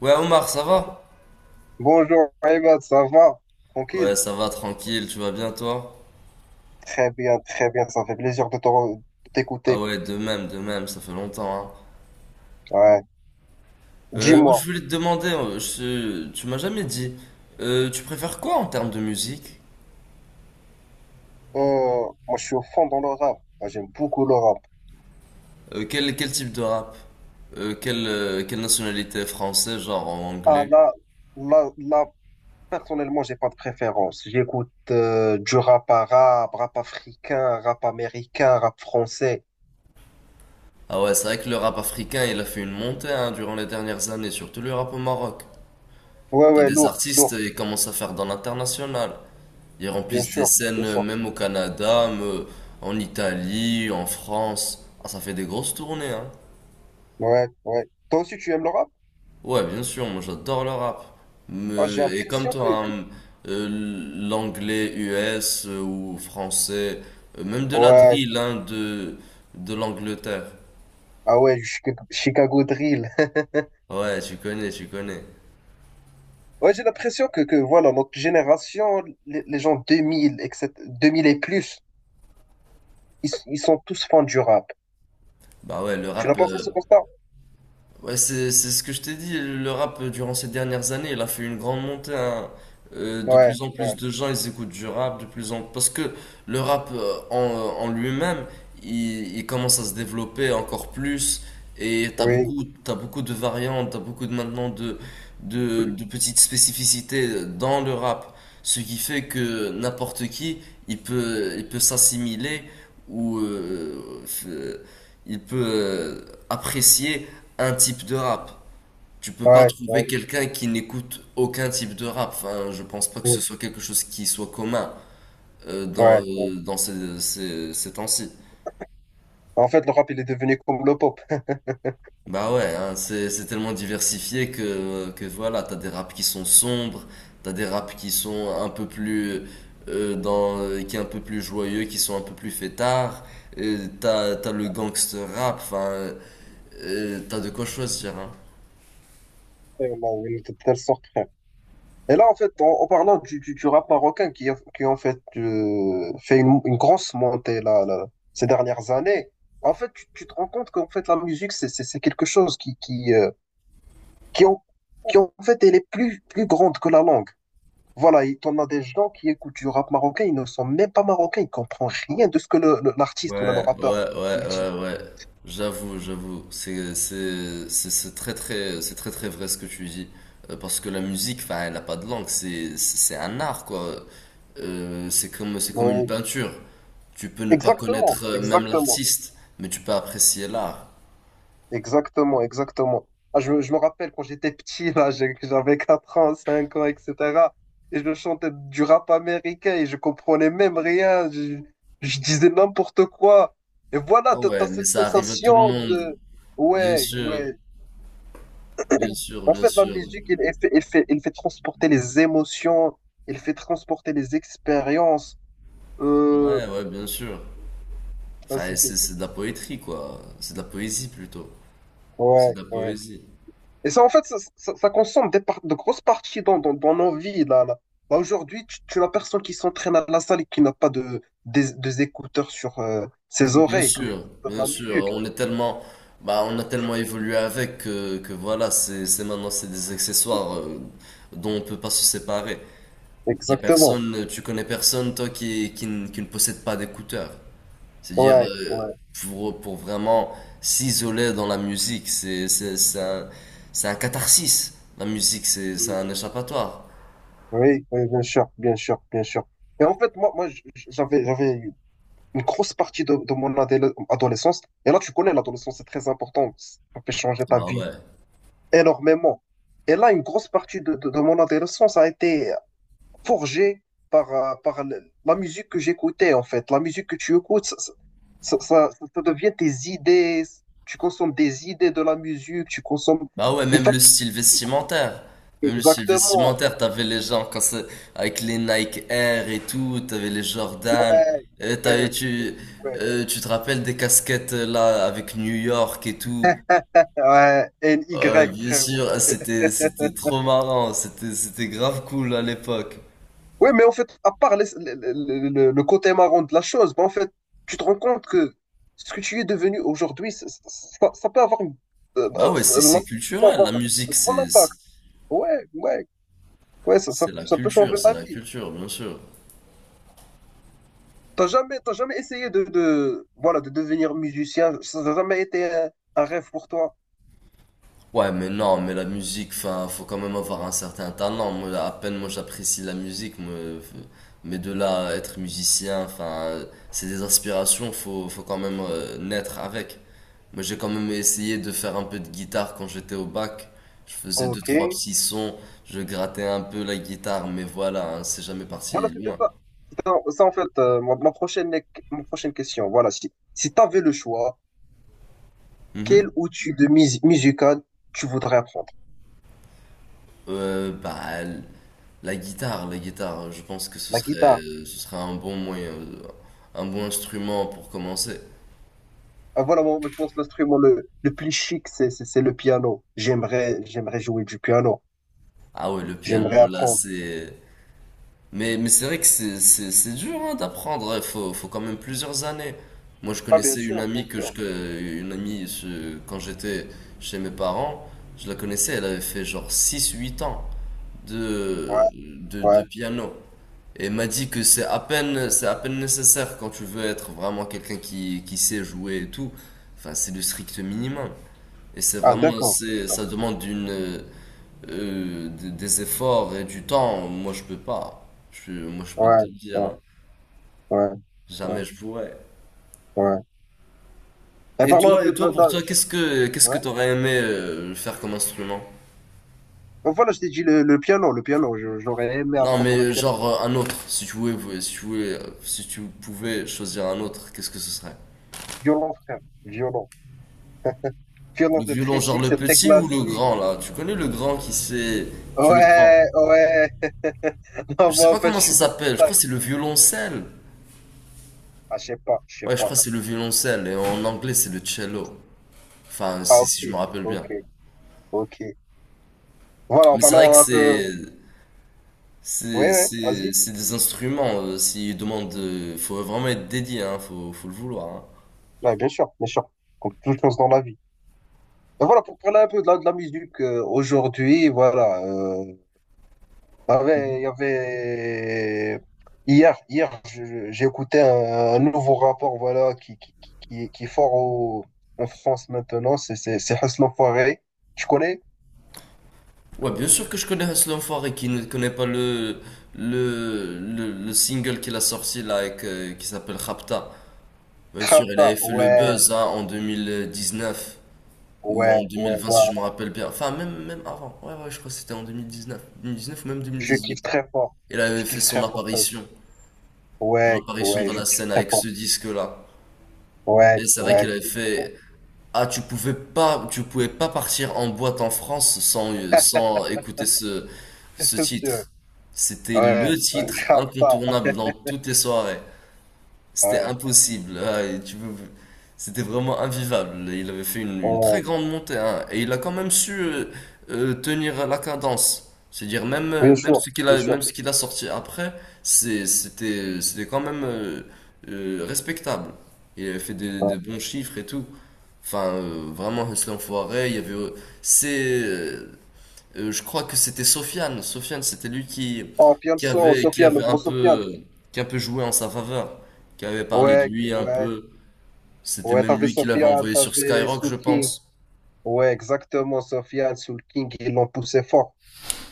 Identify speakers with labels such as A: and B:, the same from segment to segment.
A: Ouais Omar, ça va?
B: Bonjour Ahmed, ça va?
A: Ouais,
B: Tranquille?
A: ça va, tranquille, tu vas bien toi?
B: Très bien, ça fait plaisir de de
A: Ah
B: t'écouter.
A: ouais, de même, ça fait longtemps, hein.
B: Ouais.
A: Ouais, je
B: Dis-moi,
A: voulais te demander, tu m'as jamais dit, tu préfères quoi en termes de musique?
B: euh, moi je suis au fond dans le rap. Moi, j'aime beaucoup le rap.
A: Quel type de rap? Quelle nationalité? Français, genre en
B: Ah
A: anglais?
B: là, là, là, personnellement, j'ai pas de préférence. J'écoute du rap arabe, rap africain, rap américain, rap français.
A: Ah ouais, c'est vrai que le rap africain, il a fait une montée, hein, durant les dernières années, surtout le rap au Maroc.
B: Ouais,
A: T'as
B: ouais,
A: des
B: lourd,
A: artistes,
B: lourd,
A: ils commencent à faire dans l'international. Ils
B: bien
A: remplissent des
B: sûr,
A: scènes
B: bien sûr.
A: même au Canada, en Italie, en France. Ah, ça fait des grosses tournées, hein.
B: Ouais, ouais. Toi aussi, tu aimes le rap?
A: Ouais, bien sûr, moi j'adore le rap.
B: Ah, j'ai
A: Et comme
B: l'impression que,
A: toi,
B: que-
A: hein, euh, l'anglais US ou français, même de la
B: Ouais,
A: drill, hein, de l'Angleterre.
B: ah ouais, du Chicago Drill.
A: Ouais, tu connais, tu connais.
B: Ouais, j'ai l'impression que voilà, notre génération, les gens 2000, etc., 2000 et plus, ils sont tous fans du rap.
A: Bah ouais, le
B: Tu n'as
A: rap,
B: pas fait ce
A: euh,
B: constat?
A: Ouais, c'est ce que je t'ai dit. Le rap, durant ces dernières années, il a fait une grande montée, hein. De
B: Ouais,
A: plus en plus
B: ouais,
A: de gens, ils écoutent du rap, de plus en parce que le rap en lui-même, il commence à se développer encore plus. Et
B: oui,
A: t'as beaucoup de variantes, t'as beaucoup de maintenant de petites spécificités dans le rap, ce qui fait que n'importe qui, il peut s'assimiler ou f- euh, il peut apprécier un type de rap. Tu peux pas
B: ouais, ouais,
A: trouver quelqu'un qui n'écoute aucun type de rap. Enfin, je pense pas que ce
B: ouais,
A: soit quelque chose qui soit commun
B: ouais. Ouais.
A: dans ces temps-ci.
B: En fait, le rap, il est devenu comme le pop.
A: Bah ouais, hein, c'est tellement diversifié que voilà, t'as des raps qui sont sombres, t'as des raps qui sont un peu plus euh, dans, qui est un peu plus joyeux, qui sont un peu plus fêtards, t'as le gangster rap, enfin, t'as de quoi choisir, hein.
B: Vraiment, oui, de telle sorte, frère. Et là, en fait, en parlant du rap marocain qui en fait, fait une grosse montée là, là, ces dernières années, en fait, tu te rends compte qu'en fait, la musique, c'est quelque chose qui en, qui en fait elle est plus grande que la langue. Voilà, et t'en as des gens qui écoutent du rap marocain, ils ne sont même pas marocains, ils comprennent rien de ce que l'artiste ou là, le
A: Ouais,
B: rappeur
A: ouais,
B: il dit.
A: ouais, ouais. J'avoue, j'avoue. C'est très, très vrai ce que tu dis. Parce que la musique, enfin, elle n'a pas de langue. C'est un art, quoi. C'est comme une
B: Oui,
A: peinture. Tu peux ne pas
B: exactement,
A: connaître même
B: exactement,
A: l'artiste, mais tu peux apprécier l'art.
B: exactement, exactement. Ah, je me rappelle quand j'étais petit, là, j'avais 4 ans, 5 ans, etc. Et je chantais du rap américain et je comprenais même rien, je disais n'importe quoi. Et voilà,
A: Ah
B: t'as
A: ouais, mais
B: cette
A: ça arrive à tout le
B: sensation
A: monde.
B: de...
A: Bien
B: Ouais,
A: sûr,
B: ouais,
A: bien sûr,
B: en
A: bien
B: fait, la
A: sûr.
B: musique, il fait transporter les émotions, il fait transporter les expériences. Euh,
A: Ouais, ouais, bien sûr.
B: ouais,
A: Enfin,
B: c'est- c'est-
A: c'est
B: c'est-
A: c'est de la poétrie, quoi. C'est de la poésie, plutôt. C'est
B: ouais.
A: de la
B: Ouais.
A: poésie.
B: Et ça, en fait, ça consomme des de grosses parties dans nos vies. Là, là. Là, aujourd'hui, tu n'as personne qui s'entraîne à la salle et qui n'a pas des écouteurs sur ses oreilles, comme écoute de
A: Bien
B: la
A: sûr,
B: musique.
A: bah, on a tellement évolué avec que voilà, c'est maintenant, c'est des accessoires dont on peut pas se séparer. Il y a
B: Exactement.
A: personne, tu connais personne toi qui ne possède pas d'écouteurs. C'est-à-dire
B: Ouais, ouais.
A: pour vraiment s'isoler dans la musique, c'est un catharsis. La musique, c'est
B: Mm.
A: un échappatoire.
B: Oui, oui, bien sûr, bien sûr, bien sûr. Et en fait, moi j'avais une grosse partie de mon adolescence. Et là, tu connais, l'adolescence, c'est très important. Ça fait changer ta
A: Bah
B: vie
A: ouais.
B: énormément. Et là, une grosse partie de mon adolescence a été forgée par la musique que j'écoutais, en fait. La musique que tu écoutes, ça devient tes idées. Tu consommes des idées de la musique, tu consommes
A: Bah ouais,
B: une
A: même le
B: façon
A: style
B: de vivre.
A: vestimentaire. Même le style
B: Exactement.
A: vestimentaire, t'avais les gens avec les Nike Air et tout, t'avais les Jordan,
B: Ouais,
A: euh, t'avais,
B: ouais,
A: tu,
B: ouais.
A: tu te rappelles des casquettes là avec New York et tout.
B: Ouais, N-Y,
A: Bien
B: frère.
A: sûr, ah, c'était trop marrant, c'était grave cool à l'époque.
B: Oui, mais en fait, à part le côté marrant de la chose, ben en fait, tu te rends compte que ce que tu es devenu aujourd'hui, ça peut avoir, une- euh,
A: Bah
B: euh,
A: ouais,
B: ça
A: c'est
B: peut
A: culturel,
B: avoir
A: la
B: un
A: musique,
B: grand
A: c'est, c'est
B: impact. Ouais, ouais, ouais,
A: c'est la
B: ça peut
A: culture,
B: changer
A: c'est
B: ta
A: la
B: vie.
A: culture, bien sûr.
B: T'as jamais essayé voilà, de devenir musicien? Ça n'a jamais été un rêve pour toi?
A: Ouais, mais non, mais la musique, enfin, faut quand même avoir un certain talent. Moi, à peine, moi, j'apprécie la musique, moi, mais de là à être musicien, enfin, c'est des inspirations faut quand même naître avec. Moi, j'ai quand même essayé de faire un peu de guitare quand j'étais au bac. Je faisais deux,
B: Ok.
A: trois petits sons, je grattais un peu la guitare, mais voilà, hein, c'est jamais parti
B: Voilà, c'était
A: loin.
B: ça. C'était ça, en fait, ma prochaine question. Voilà, si tu avais le choix, quel
A: Mhm.
B: outil de musical tu voudrais apprendre?
A: Bah, la guitare, hein, je pense que
B: La guitare.
A: ce serait un bon moyen, un bon instrument pour commencer.
B: Ah, voilà, moi, je pense que l'instrument le plus chic, c'est le piano. J'aimerais jouer du piano.
A: Ah ouais, le
B: J'aimerais
A: piano, là,
B: apprendre.
A: c'est. Mais c'est vrai que c'est dur hein, d'apprendre, faut quand même plusieurs années. Moi, je
B: Ah, bien
A: connaissais une
B: sûr, bien
A: amie
B: sûr.
A: une amie, quand j'étais chez mes parents, je la connaissais, elle avait fait genre six huit ans
B: Ouais, ouais.
A: de piano. Et m'a dit que c'est à peine nécessaire quand tu veux être vraiment quelqu'un qui sait jouer et tout. Enfin, c'est le strict minimum.
B: Ah, d'accord, d'accord.
A: Ça demande des efforts et du temps. Moi, je peux pas. Moi, je peux
B: Ouais,
A: te le dire.
B: ouais,
A: hein.
B: ouais, ouais,
A: Jamais je pourrais.
B: ouais. Et parlons un
A: Et
B: peu de
A: toi,
B: la...
A: pour toi,
B: de-
A: qu'est-ce
B: Ouais.
A: que t'aurais aimé faire comme instrument?
B: Oh, voilà, je t'ai dit le piano, le piano. J'aurais aimé
A: Non,
B: apprendre le
A: mais
B: piano.
A: genre un autre. Si tu pouvais choisir un autre, qu'est-ce que ce serait?
B: Violon, frère. Violon. Violon,
A: Le
B: c'est
A: violon,
B: très
A: genre
B: chic,
A: le
B: c'est très
A: petit ou le
B: classique.
A: grand, là. Tu connais le grand qui c'est. Tu le prends.
B: Ouais, ouais. Non,
A: Je sais
B: moi, en
A: pas
B: fait, je
A: comment ça
B: suis de toute
A: s'appelle. Je crois que
B: taille.
A: c'est le violoncelle.
B: Ah, je sais pas, je sais
A: Ouais, je crois
B: pas.
A: que c'est le violoncelle. Et en anglais, c'est le cello. Enfin,
B: Ah, ok,
A: si je me rappelle bien.
B: ok, ok. Voilà, en
A: Mais c'est vrai que
B: parlant un peu.
A: c'est.
B: Ouais, ouais, vas-y.
A: C'est des instruments. S'ils demandent. Faut vraiment être dédié, hein. Faut le vouloir, hein.
B: Ouais, bien sûr, bien sûr. Comme toute chose dans la vie. Et voilà, pour parler un peu de la musique, aujourd'hui, voilà. Il y avait, il y avait... Hier, j'ai écouté un nouveau rapport, voilà, qui est fort en France maintenant. C'est Hustle Enfoiré. Tu connais?
A: Ouais, bien sûr que je connais Hustle, et qui ne connaît pas le. Le single qu'il a sorti là avec, qui s'appelle Rapta. Bien sûr, elle avait
B: Trapta.
A: fait le
B: Ouais,
A: buzz hein, en 2019 ou
B: ouais,
A: en
B: ouais,
A: 2020
B: ouais.
A: si je me rappelle bien. Enfin, même, même avant. Ouais, ouais, je crois que c'était en 2019. 2019 ou même
B: Je kiffe
A: 2018.
B: très fort.
A: Elle avait
B: Je
A: fait
B: kiffe
A: son
B: très fort. Hus.
A: apparition. Son
B: Ouais,
A: apparition
B: ouais,
A: dans
B: je
A: la
B: kiffe
A: scène
B: très
A: avec ce
B: fort.
A: disque-là.
B: Ouais,
A: Et c'est vrai
B: ouais.
A: qu'elle avait fait. Ah, tu pouvais pas partir en boîte en France sans, sans écouter ce
B: C'est sûr.
A: titre. C'était le
B: Ouais, ouais,
A: titre
B: Shabba,
A: incontournable dans toutes les soirées. C'était
B: ouais,
A: impossible. C'était vraiment invivable. Il avait fait une très
B: ouais,
A: grande montée, hein. Et il a quand même su tenir la cadence. C'est-à-dire, même,
B: bien sûr, bien sûr.
A: même ce qu'il a sorti après, c'était quand même respectable. Il avait fait
B: Ouais.
A: des bons chiffres et tout. Enfin, vraiment, Hussein Foiré, il y avait. C'est. Je crois que c'était Sofiane. Sofiane, c'était lui
B: Oh,
A: qui
B: Fianso,
A: avait, qui
B: Sofiane, le
A: avait un
B: gros Sofiane.
A: peu, qui a un peu joué en sa faveur, qui avait parlé de
B: Ouais,
A: lui un
B: ouais,
A: peu. C'était
B: ouais,
A: même
B: t'avais
A: lui qui l'avait
B: Sofiane,
A: envoyé sur
B: t'avais
A: Skyrock, je
B: Soul King.
A: pense.
B: Ouais, exactement, Sofiane, Soul King, ils l'ont poussé fort.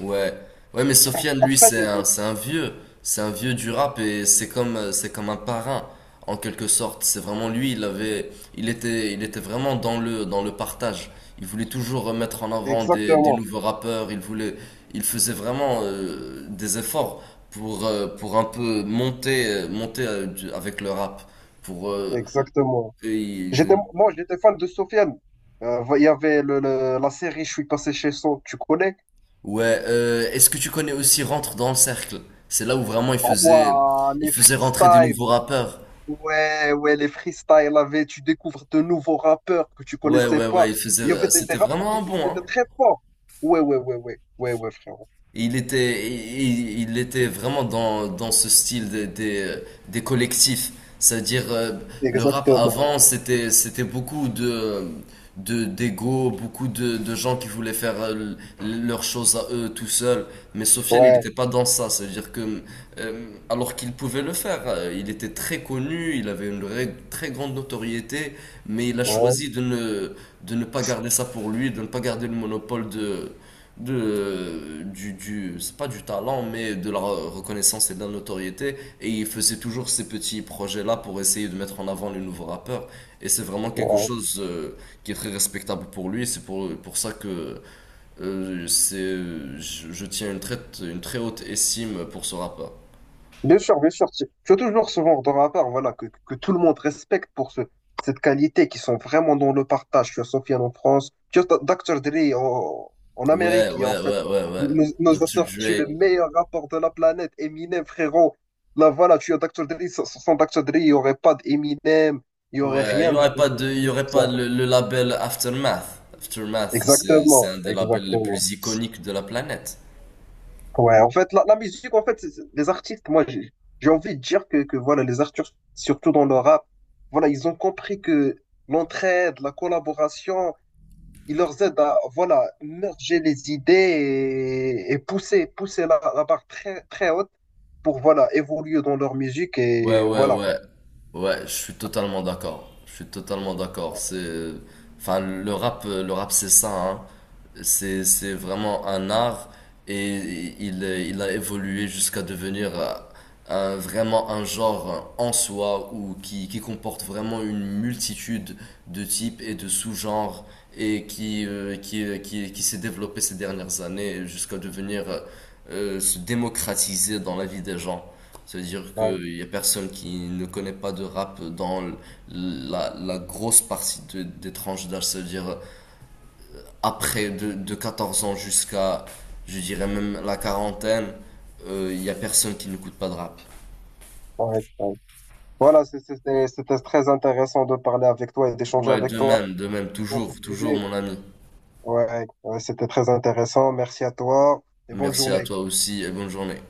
A: Ouais, ouais, mais Sofiane, lui,
B: Après,
A: c'est un vieux du rap et c'est comme un parrain, en quelque sorte. C'est vraiment lui, il était vraiment dans dans le partage. Il voulait toujours mettre en avant des
B: exactement,
A: nouveaux rappeurs. Il faisait vraiment des efforts pour un peu monter, monter avec le rap. Pour, euh,
B: exactement.
A: et
B: J'étais,
A: il-
B: moi, j'étais fan de Sofiane. Il y avait la série Je suis passé chez son, tu connais?
A: Ouais, est-ce que tu connais aussi Rentre dans le cercle? C'est là où vraiment
B: Ouah,
A: il
B: les
A: faisait rentrer des
B: freestyles.
A: nouveaux rappeurs.
B: Ouais, ouais, les freestyles avaient, tu découvres de nouveaux rappeurs que tu
A: Ouais,
B: connaissais
A: ouais, ouais,
B: pas. Il y avait des
A: c'était
B: rappeurs qui,
A: vraiment
B: qui
A: bon,
B: étaient
A: hein.
B: très forts. Ouais, ouais, ouais, ouais, ouais, ouais, frérot.
A: Il était, il était vraiment dans, dans ce style des collectifs. C'est-à-dire, le rap
B: Exactement.
A: avant, c'était beaucoup d'ego, beaucoup de gens qui voulaient faire leurs choses à eux tout seuls. Mais Sofiane, il
B: Ouais,
A: n'était pas dans ça. C'est-à-dire que, alors qu'il pouvait le faire, il était très connu, il avait une très grande notoriété, mais il a
B: ouais,
A: choisi de ne pas garder ça pour lui, de ne pas garder le monopole de du, c'est pas du talent, mais de la reconnaissance et de la notoriété. Et il faisait toujours ces petits projets là pour essayer de mettre en avant les nouveaux rappeurs, et c'est vraiment quelque
B: ouais.
A: chose qui est très respectable pour lui. C'est pour ça que euh, c'est je tiens une très haute estime pour ce rappeur.
B: Bien sûr, bien sûr. Tu as toujours ce genre de rapport, voilà, que tout le monde respecte pour cette qualité, qui sont vraiment dans le partage. Tu as Sofiane en France, tu as Dr. Dre en Amérique,
A: Ouais,
B: qui en
A: ouais,
B: fait
A: ouais, ouais, ouais.
B: nous a
A: Dr
B: sorti le
A: Dre.
B: meilleur rapport de la planète, Eminem, frérot. Là, voilà, tu as Dr. Dre, sans Dr. Dre, il n'y aurait pas d'Eminem, il n'y aurait
A: Ouais,
B: rien de, de de-
A: il y
B: de tout
A: aurait
B: ça.
A: pas le label Aftermath. C'est
B: Exactement,
A: un des labels les
B: exactement.
A: plus iconiques de la planète.
B: Ouais, en fait, la musique, en fait, les artistes, moi, j'ai envie de dire que voilà, les artistes, surtout dans le rap, voilà, ils ont compris que l'entraide, la collaboration, ils leur aident à, voilà, merger les idées et pousser la barre très, très haute pour, voilà, évoluer dans leur musique
A: Ouais,
B: et,
A: ouais,
B: voilà.
A: ouais. Ouais, je suis totalement d'accord. Je suis totalement d'accord. Enfin, le rap, c'est ça, hein. C'est vraiment un art, et il a évolué jusqu'à devenir vraiment un genre en soi ou qui comporte vraiment une multitude de types et de sous-genres, et qui s'est développé ces dernières années jusqu'à devenir, se démocratiser dans la vie des gens. Ça veut dire
B: Ouais,
A: qu'il y a personne qui ne connaît pas de rap dans la grosse partie des tranches d'âge. Ça veut dire après de 14 ans jusqu'à, je dirais même la quarantaine, il y a personne qui n'écoute pas de rap.
B: ouais, ouais. Voilà, c'était très intéressant de parler avec toi et d'échanger
A: Ouais,
B: avec toi
A: de même,
B: sur ce
A: toujours, toujours
B: sujet.
A: mon ami.
B: Ouais, ouais, c'était très intéressant. Merci à toi et bonne
A: Merci à
B: journée.
A: toi aussi et bonne journée.